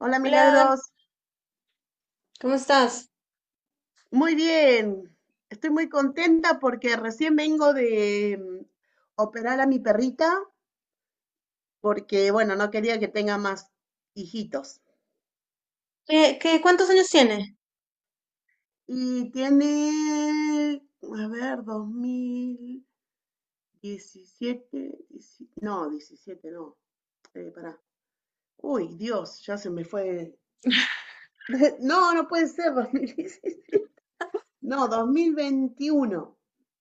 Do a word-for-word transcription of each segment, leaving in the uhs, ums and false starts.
Hola Hola, Milagros, ¿cómo estás? muy bien. Estoy muy contenta porque recién vengo de mm, operar a mi perrita porque, bueno, no quería que tenga más hijitos. ¿Qué, qué, cuántos años tienes? Y tiene, a ver, dos mil diecisiete, dieci- no, diecisiete, no, eh, pará. Uy, Dios, ya se me fue. No, no puede ser, dos mil diecisiete. No, dos mil veintiuno,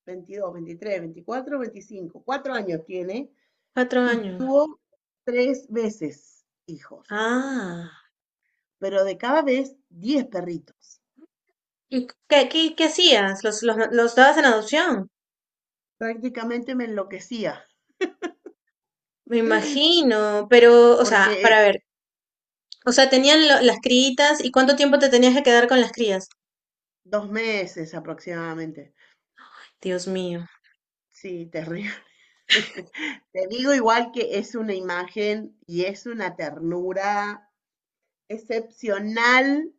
veintidós, veintitrés, veinticuatro, veinticinco, cuatro años tiene. Cuatro Y años. tuvo tres veces hijos, Ah, pero de cada vez diez perritos. ¿y qué, qué, qué hacías? ¿Los, los, los dabas en adopción? Prácticamente me enloquecía, Me imagino, pero, o sea, porque para ver, o sea, tenían lo- las criitas y cuánto tiempo te tenías que quedar con las crías. dos meses aproximadamente. Dios mío. Sí, terrible. Te digo igual que es una imagen y es una ternura excepcional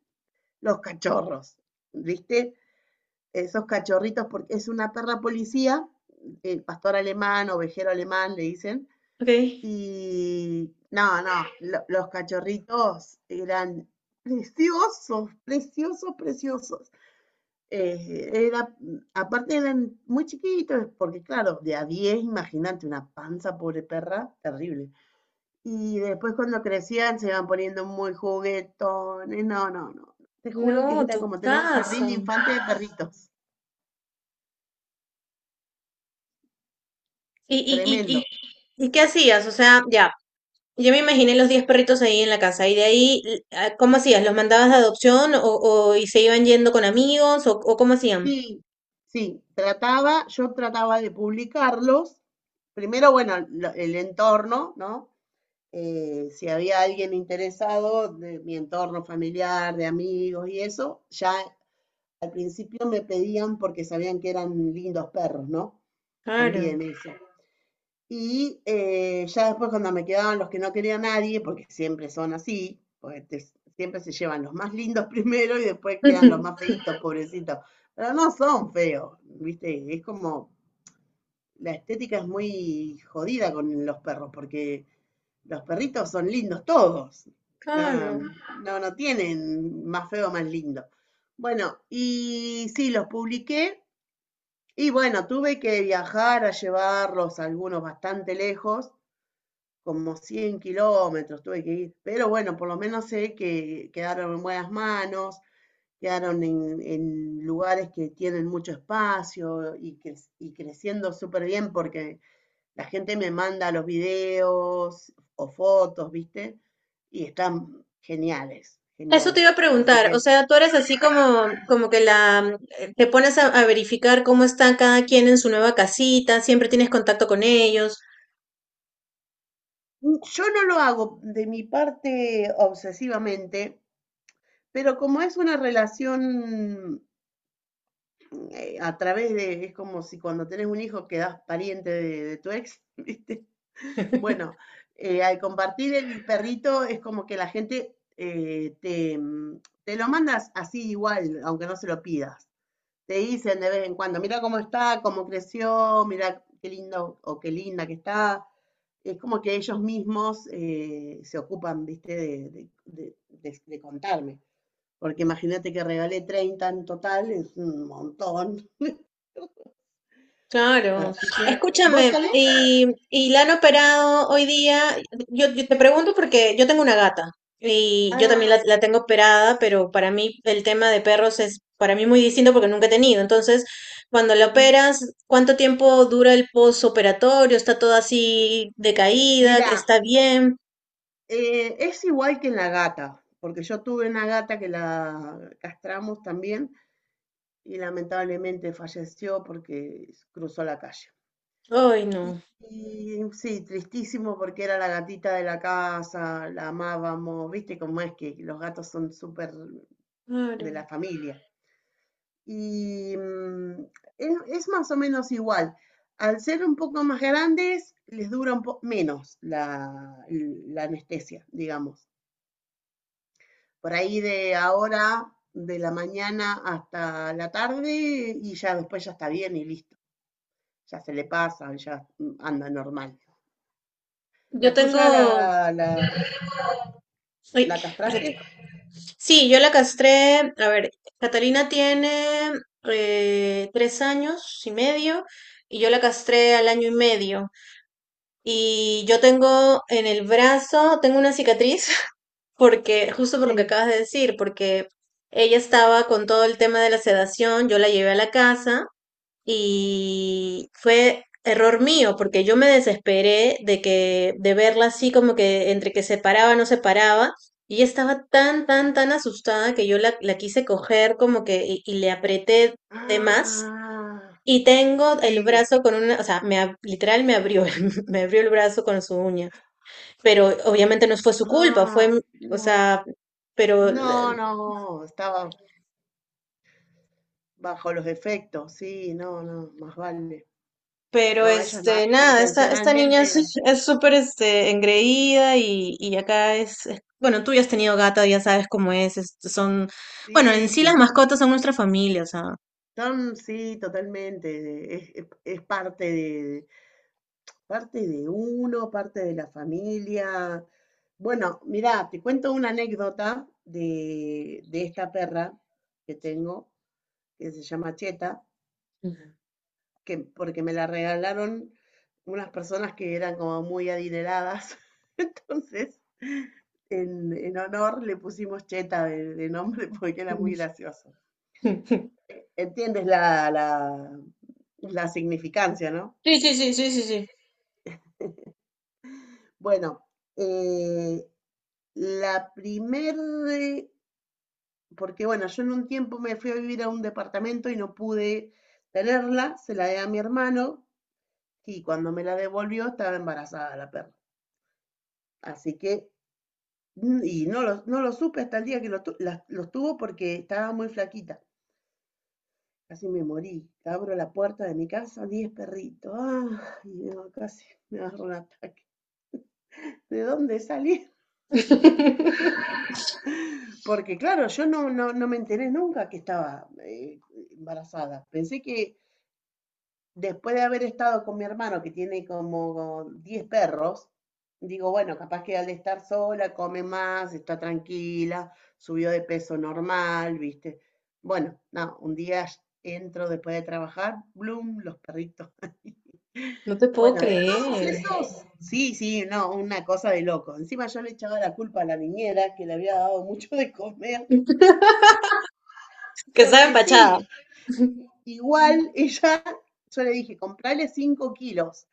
los cachorros, ¿viste? Esos cachorritos, porque es una perra policía, el pastor alemán, ovejero alemán, le dicen. Ok. Y no, no, lo- los cachorritos eran preciosos, preciosos, preciosos. Eh, era, Aparte eran muy chiquitos, porque claro, de a diez imagínate, una panza, pobre perra, terrible. Y después cuando crecían se iban poniendo muy juguetones. No, no, no. Te juro que No, era tu como tener un jardín casa. de infantes de perritos. ¿Y, y, Tremendo. y, y, y qué hacías? O sea, ya, yo me imaginé los diez perritos ahí en la casa y de ahí, l- ah, ¿cómo hacías? ¿Los mandabas de adopción o, o y se iban yendo con amigos o, o cómo hacían? Sí, sí, trataba, yo trataba de publicarlos. Primero, bueno, lo- el entorno, ¿no? Eh, si había alguien interesado de mi entorno familiar, de amigos y eso, ya al principio me pedían porque sabían que eran lindos perros, ¿no? Claro. También eso. Y eh, ya después cuando me quedaban los que no quería a nadie, porque siempre son así, porque te- siempre se llevan los más lindos primero y después quedan los más feitos, pobrecitos. Pero no son feos, ¿viste? Es como, la estética es muy jodida con los perros, porque los perritos son lindos todos. No, Claro. no, no tienen más feo, más lindo. Bueno, y sí, los publiqué y bueno, tuve que viajar a llevarlos algunos bastante lejos como cien kilómetros tuve que ir, pero bueno, por lo menos sé que quedaron en buenas manos, quedaron en, en lugares que tienen mucho espacio y, cre- y creciendo súper bien porque la gente me manda los videos o fotos, ¿viste? Y están geniales, Eso te iba a geniales. Así preguntar, o que sea, tú eres así como, como que la, eh, te pones a, a verificar cómo está cada quien en su nueva casita, siempre tienes contacto con ellos. mm, yo no lo hago de mi parte obsesivamente, pero como es una relación eh, a través de, es como si cuando tenés un hijo quedás pariente de, de tu ex, ¿viste? Bueno, eh, al compartir el perrito es como que la gente eh, te, mm, te lo mandas así igual, aunque no se lo pidas. Te dicen de vez en cuando, mira cómo está, cómo creció, mira qué lindo o qué linda que está. Es como que ellos mismos eh, se ocupan, viste, de, de- de- de- de contarme. Porque imagínate que regalé treinta en total, es un montón. Claro. Así que, ¿vos Escúchame, tenés? y, y la han operado hoy día. Yo, yo te pregunto porque yo tengo una gata y yo también Ah, la, la tengo operada, pero para mí el tema de perros es para mí muy distinto porque nunca he tenido. Entonces, cuando la sí. operas, ¿cuánto tiempo dura el posoperatorio? ¿Está todo así decaída? Mirá, ¿Está bien? eh, es igual que en la gata, porque yo tuve una gata que la castramos también y lamentablemente falleció porque cruzó la calle. Ay, Y, no. y sí, tristísimo porque era la gatita de la casa, la amábamos, viste cómo es que los gatos son súper de Claro. la familia. Y mm, es, es más o menos igual. Al ser un poco más grandes, les dura un poco menos la, la anestesia, digamos. Por ahí de ahora, de la mañana hasta la tarde, y ya después ya está bien y listo. Ya se le pasa, ya anda normal. Yo ¿La tuya tengo. la, la, Ay, la espérate. castraste? Sí, yo la castré, a ver, Catalina tiene eh, tres años y medio y yo la castré al año y medio. Y yo tengo en el brazo, tengo una cicatriz porque, justo por lo que Sí. acabas de decir, porque ella estaba con todo el tema de la sedación, yo la llevé a la casa y fue error mío, porque yo me desesperé de que, de verla así como que entre que se paraba, no se paraba, y ella estaba tan, tan, tan asustada que yo la, la quise coger como que, y, y le apreté de más, Ah, y tengo el sí. brazo con una, o sea, me, ab- literal me abrió, me abrió el brazo con su uña, pero obviamente no fue su culpa, fue, Ah, o no. sea, pero. No, no, estaba bajo los efectos, sí, no, no, más vale. Pero No, ellos no, este, nada, esta, esta niña es intencionalmente, es súper este, engreída y, y acá es, es- bueno, tú ya has tenido gato, ya sabes cómo es, es- son, bueno, en sí, sí las mascotas son nuestra familia, o sea. son, sí, totalmente, de- es, es- es parte de, parte de uno, parte de la familia. Bueno, mirá, te cuento una anécdota de, de esta perra que tengo, que se llama Cheta, Ujú. que, porque me la regalaron unas personas que eran como muy adineradas, entonces... en, en honor le pusimos Cheta de, de nombre porque era muy gracioso. Entiendes la, la, la significancia, ¿no? Sí, sí, sí, sí, sí, sí. Bueno, eh, la primer, eh, porque bueno, yo en un tiempo me fui a vivir a un departamento y no pude tenerla, se la di a mi hermano y cuando me la devolvió estaba embarazada la perra. Así que, y no lo, no lo supe hasta el día que lo, la- los tuvo porque estaba muy flaquita. Casi me morí. Abro la puerta de mi casa, diez perritos. Ah, y no, casi me agarro un ataque. ¿De dónde salí? Porque claro, yo no, no, no me enteré nunca que estaba eh, embarazada. Pensé que después de haber estado con mi hermano, que tiene como diez perros, digo, bueno, capaz que al estar sola come más, está tranquila, subió de peso normal, ¿viste? Bueno, no, un día entro después de trabajar, bloom, los perritos. No te puedo Bueno, de creer. todos Sí, sí, no, una cosa de loco. Encima yo le echaba la culpa a la niñera que le había dado mucho de comer, Que estaba porque empachada. sí, igual ella, yo le dije, comprale cinco kilos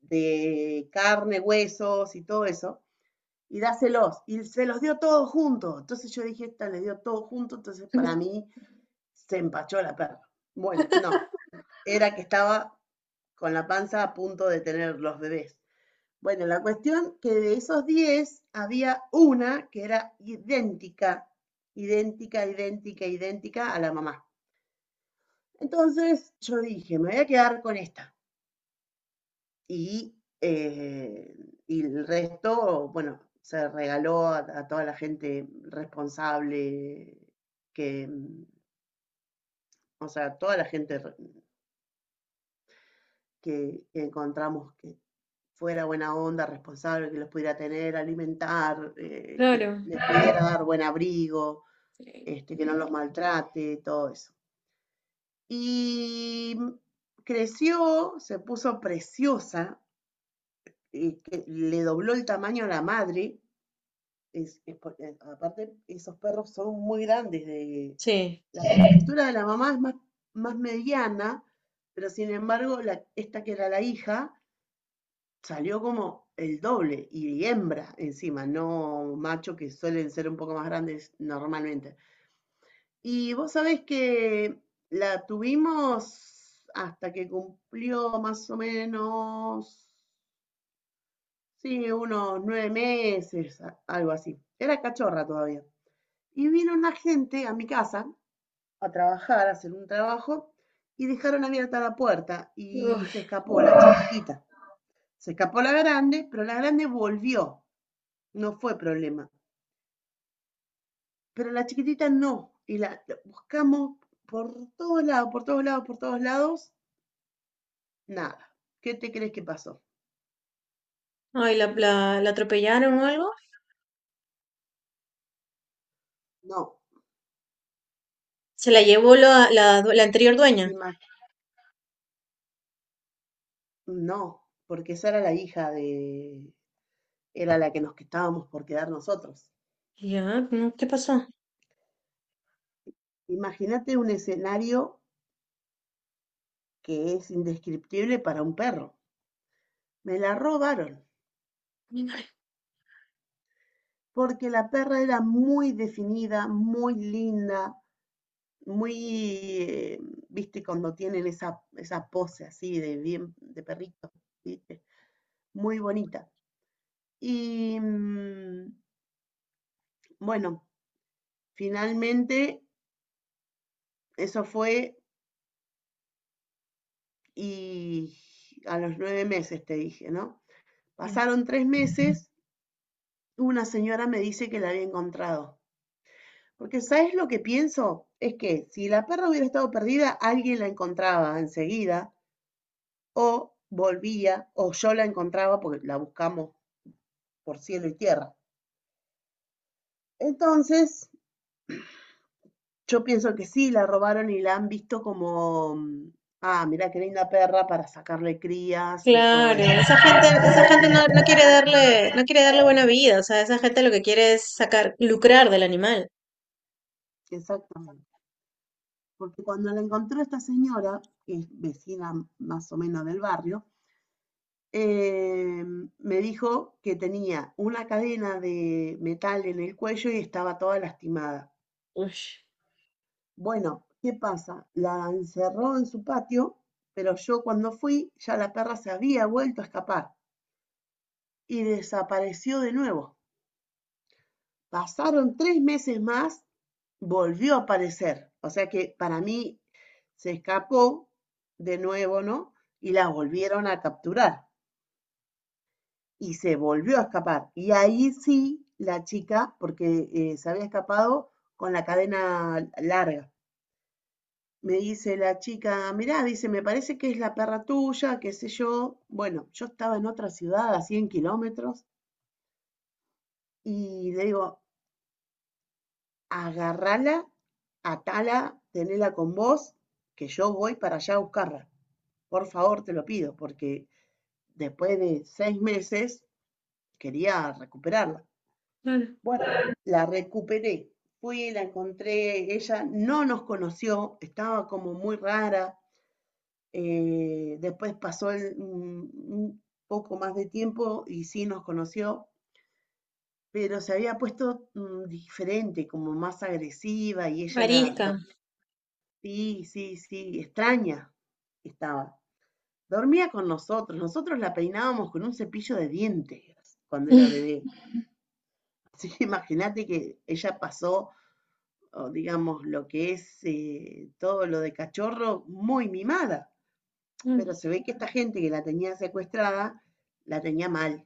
de carne, huesos y todo eso, y dáselos. Y se los dio todos juntos. Entonces yo dije, esta le dio todo junto, entonces para mí se empachó la perra. Bueno, no, era que estaba con la panza a punto de tener los bebés. Bueno, la cuestión que de esos diez había una que era idéntica, idéntica, idéntica, idéntica a la mamá. Entonces yo dije, me voy a quedar con esta. Y, eh, y el resto, bueno, se regaló a, a toda la gente responsable, que, mm, o sea, toda la gente que, que encontramos que fuera buena onda, responsable, que los pudiera tener, alimentar, eh, que Claro. les pudiera dar buen abrigo. Sí. Este, que no los maltrate, todo eso. Y creció, se puso preciosa, y que le dobló el tamaño a la madre. Es, es eh, aparte, esos perros son muy grandes. De, Sí. La estructura de la mamá es más, más mediana, pero sin embargo, la, esta que era la hija salió como el doble y hembra encima, no macho que suelen ser un poco más grandes normalmente. Y vos sabés que la tuvimos hasta que cumplió más o menos, sí, unos nueve meses, a- algo así. Era cachorra todavía. Y vino una gente a mi casa a trabajar, a hacer un trabajo, y dejaron abierta la puerta y se escapó la chiquitita. Se escapó la grande, pero la grande volvió, no fue problema. Pero la chiquitita no, y la la buscamos por todos lados, por todos lados, por todos lados. Nada. ¿Qué te crees que pasó? Ay, la, la, la atropellaron o algo. No. Se la llevó la, la, due- la anterior dueña. Imag- no, porque esa era la hija de... Era la que nos estábamos por quedar nosotros. Ya, no, ¿qué pasó? Imagínate un escenario que es indescriptible para un perro. Me la robaron, porque la perra era muy definida, muy linda, muy, eh, viste, cuando tienen esa, esa pose así de bien, de perrito, viste, muy bonita. Y mm, bueno, finalmente eso fue y a los nueve meses te dije, ¿no? Pasaron tres meses, una señora me dice que la había encontrado. Porque ¿sabes lo que pienso? Es que si la perra hubiera estado perdida, alguien la encontraba enseguida o volvía o yo la encontraba porque la buscamos por cielo y tierra. Entonces, yo pienso que sí, la robaron y la han visto como, mm, ah, mira qué linda perra para sacarle crías y todo eso. Claro, esa gente, esa gente no, no quiere darle, no quiere darle buena vida, o sea, esa gente lo que quiere es sacar, lucrar del animal. Exactamente. Porque cuando la encontró esta señora, que es vecina más o menos del barrio, eh, me dijo que tenía una cadena de metal en el cuello y estaba toda lastimada. Uy, Bueno, ¿qué pasa? La encerró en su patio, pero yo cuando fui ya la perra se había vuelto a escapar y desapareció de nuevo. Pasaron tres meses más, volvió a aparecer. O sea que para mí se escapó de nuevo, ¿no? Y la volvieron a capturar y se volvió a escapar. Y ahí sí la chica, porque eh, se había escapado con la cadena larga. Me dice la chica, mirá, dice, me parece que es la perra tuya, qué sé yo. Bueno, yo estaba en otra ciudad a cien kilómetros y le digo, agarrala, atala, tenela con vos, que yo voy para allá a buscarla. Por favor, te lo pido, porque después de seis meses quería recuperarla. claro. Bueno, la recuperé. Fui, la encontré, ella no nos conoció, estaba como muy rara. Eh, después pasó el- un, un poco más de tiempo y sí nos conoció, pero se había puesto mm, diferente, como más agresiva y ella era. Arisca. Sí, sí, sí, extraña estaba. Dormía con nosotros, nosotros la peinábamos con un cepillo de dientes cuando era bebé. Así que imagínate que ella pasó, o digamos, lo que es eh, todo lo de cachorro muy mimada, pero se ve que esta gente que la tenía secuestrada la tenía mal.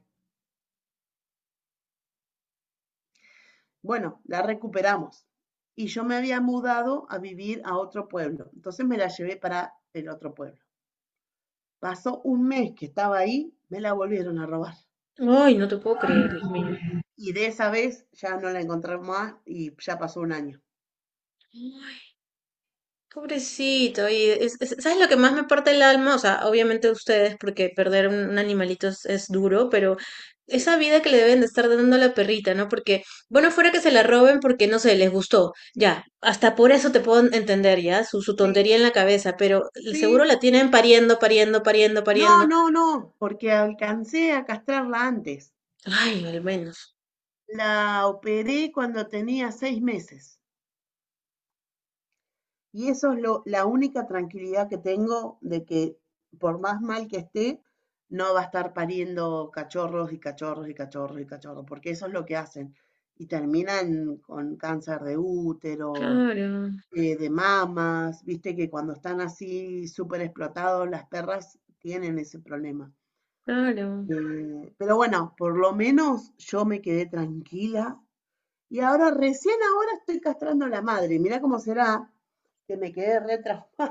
Bueno, la recuperamos y yo me había mudado a vivir a otro pueblo, entonces me la llevé para el otro pueblo. Pasó un mes que estaba ahí, me la volvieron a robar. Ay, no te puedo creer, Dios mío. Y de esa vez ya no la encontré más y ya pasó un año. Pobrecito, y es- es- ¿sabes lo que más me parte el alma? O sea, obviamente ustedes, porque perder un, un animalito es, es duro, pero Sí, esa vida que le deben de estar dando a la perrita, ¿no? Porque, bueno, fuera que se la roben porque, no sé, les gustó, ya, hasta por eso te puedo entender, ya, su, su sí, tontería en la cabeza, pero seguro sí. la tienen pariendo, pariendo, pariendo, No, pariendo. no, no, porque alcancé a castrarla antes. Ay, al menos. La operé cuando tenía seis meses. Y eso es lo, la única tranquilidad que tengo de que por más mal que esté, no va a estar pariendo cachorros y cachorros y cachorros y cachorros, porque eso es lo que hacen. Y terminan con cáncer de útero, Claro, eh, de mamas, viste que cuando están así súper explotados las perras tienen ese problema. claro. Eh, pero bueno, por lo menos yo me quedé tranquila y ahora recién ahora estoy castrando a la madre. Mirá cómo será que me quedé re traumada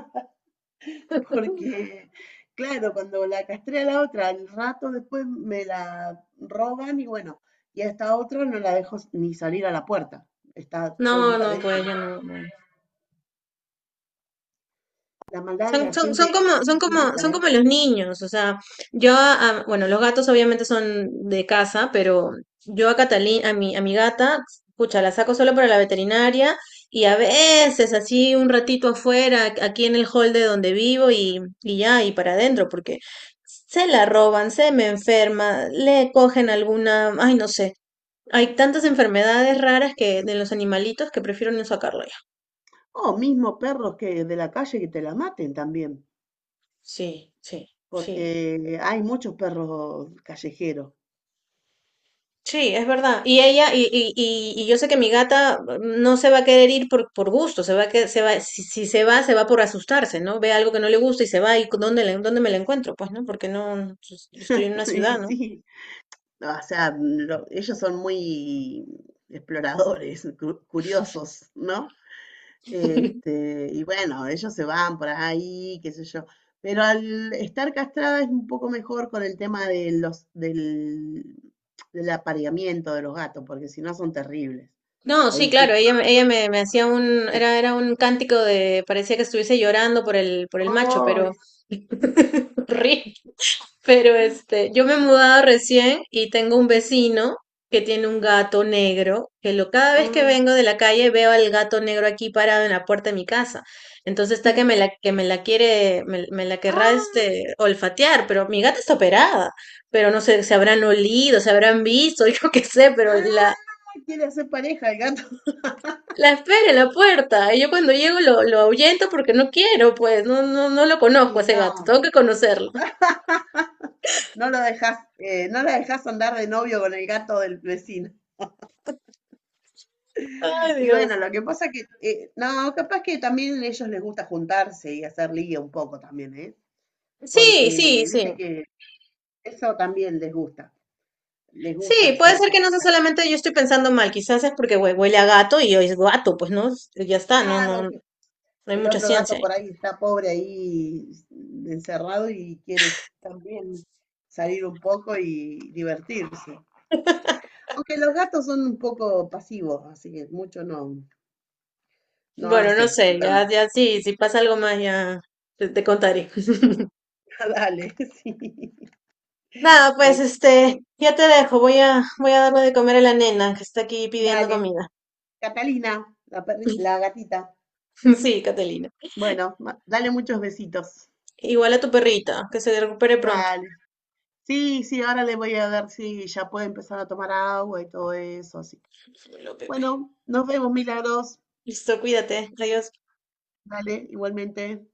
porque, claro, cuando la castré a la otra, al rato después me la roban y bueno, y a esta otra no la dejo ni salir a la puerta. Está todo el No, día no, adentro. pues ya no. No. La maldad de la Son, son, gente son es como, son como, son infinita, como los niños, o sea, yo, a- a- bueno, los gatos obviamente son de casa, pero yo a Catalina, a mi, a mi gata, pucha, la saco solo para la veterinaria y a veces así un ratito afuera, aquí en el hall de donde vivo y, y ya, y para adentro, porque se la roban, se me enferma, le cogen ¿eh? alguna, ay, no sé, hay tantas enfermedades raras que de los animalitos que prefiero no sacarlo ya. O mismo perros que de la calle que te la maten también, Sí, sí, sí. porque hay muchos perros callejeros. Sí, es verdad. Y ella, y, y, y, y yo sé que mi gata mm, no se va a querer ir por, por gusto, se va a que se va, si, si se va, se va por asustarse, ¿no? Ve algo que no le gusta y se va, y dónde le- dónde me la encuentro, pues, ¿no? Porque no, no, pues, yo estoy en una Y ciudad, ¿no? sí, no, o sea, lo- ellos son muy exploradores, cu- curiosos, ¿no? Este, y bueno, ellos se van por ahí, qué sé yo. Pero al estar castrada es un poco mejor con el tema de los, del, del apareamiento de los gatos, porque si no son terribles. No, sí, Ahí sí. claro, ella, me- ella me, me hacía un, era, era un cántico de, parecía que estuviese llorando por el, por el macho, ¡Ay! pero horrible. Pero este, yo me he mudado recién y tengo un vecino que tiene un gato negro, que lo, cada vez que Ah, vengo de la calle veo al gato negro aquí parado en la puerta de mi casa. Entonces está que sí. me la, que me la quiere, me, me la querrá Ah, este olfatear, pero mi gata está operada, pero no sé, se habrán olido, se habrán visto, yo qué sé, pero la, ah, quiere hacer pareja el gato. la espera en la puerta. Y yo cuando llego lo, lo ahuyento porque no quiero, pues, no, no, no lo conozco a Y ese gato, no, tengo que conocerlo. no lo dejas, eh, no la dejas andar de novio con el gato del vecino. Ay, Y bueno, Dios. lo que pasa que, eh, no, capaz que también a ellos les gusta juntarse y hacer ligue un poco también, ¿eh? Sí, sí, Porque sí. viste que eso también les gusta, les Sí, gusta puede hacer ser que no sea cositas. solamente yo estoy pensando mal, quizás es porque hue- huele a gato y hoy es gato, pues no, ya está, no, no, Claro no que hay el mucha otro ciencia gato ahí. por ahí está pobre ahí encerrado y quiere también salir un poco y divertirse. Aunque los gatos son un poco pasivos, así que mucho no, no Bueno, no hacen, sé, digamos. ya, ya sí, si pasa algo más ya te, te contaré. Dale, sí. Nada, no pues hay- este, ya te dejo, voy a, voy a darle de comer a la nena que está aquí pidiendo Dale, comida. Catalina, la, perri- la gatita. Sí, Catalina. Bueno, ma- dale muchos besitos. Igual a tu perrita, que se recupere pronto. Vale. Sí, sí, ahora le voy a ver si ya puede empezar a tomar agua y todo eso, así. Dímelo, Pepe. Bueno, nos vemos, Milagros. Listo, cuídate, adiós. Vale, igualmente.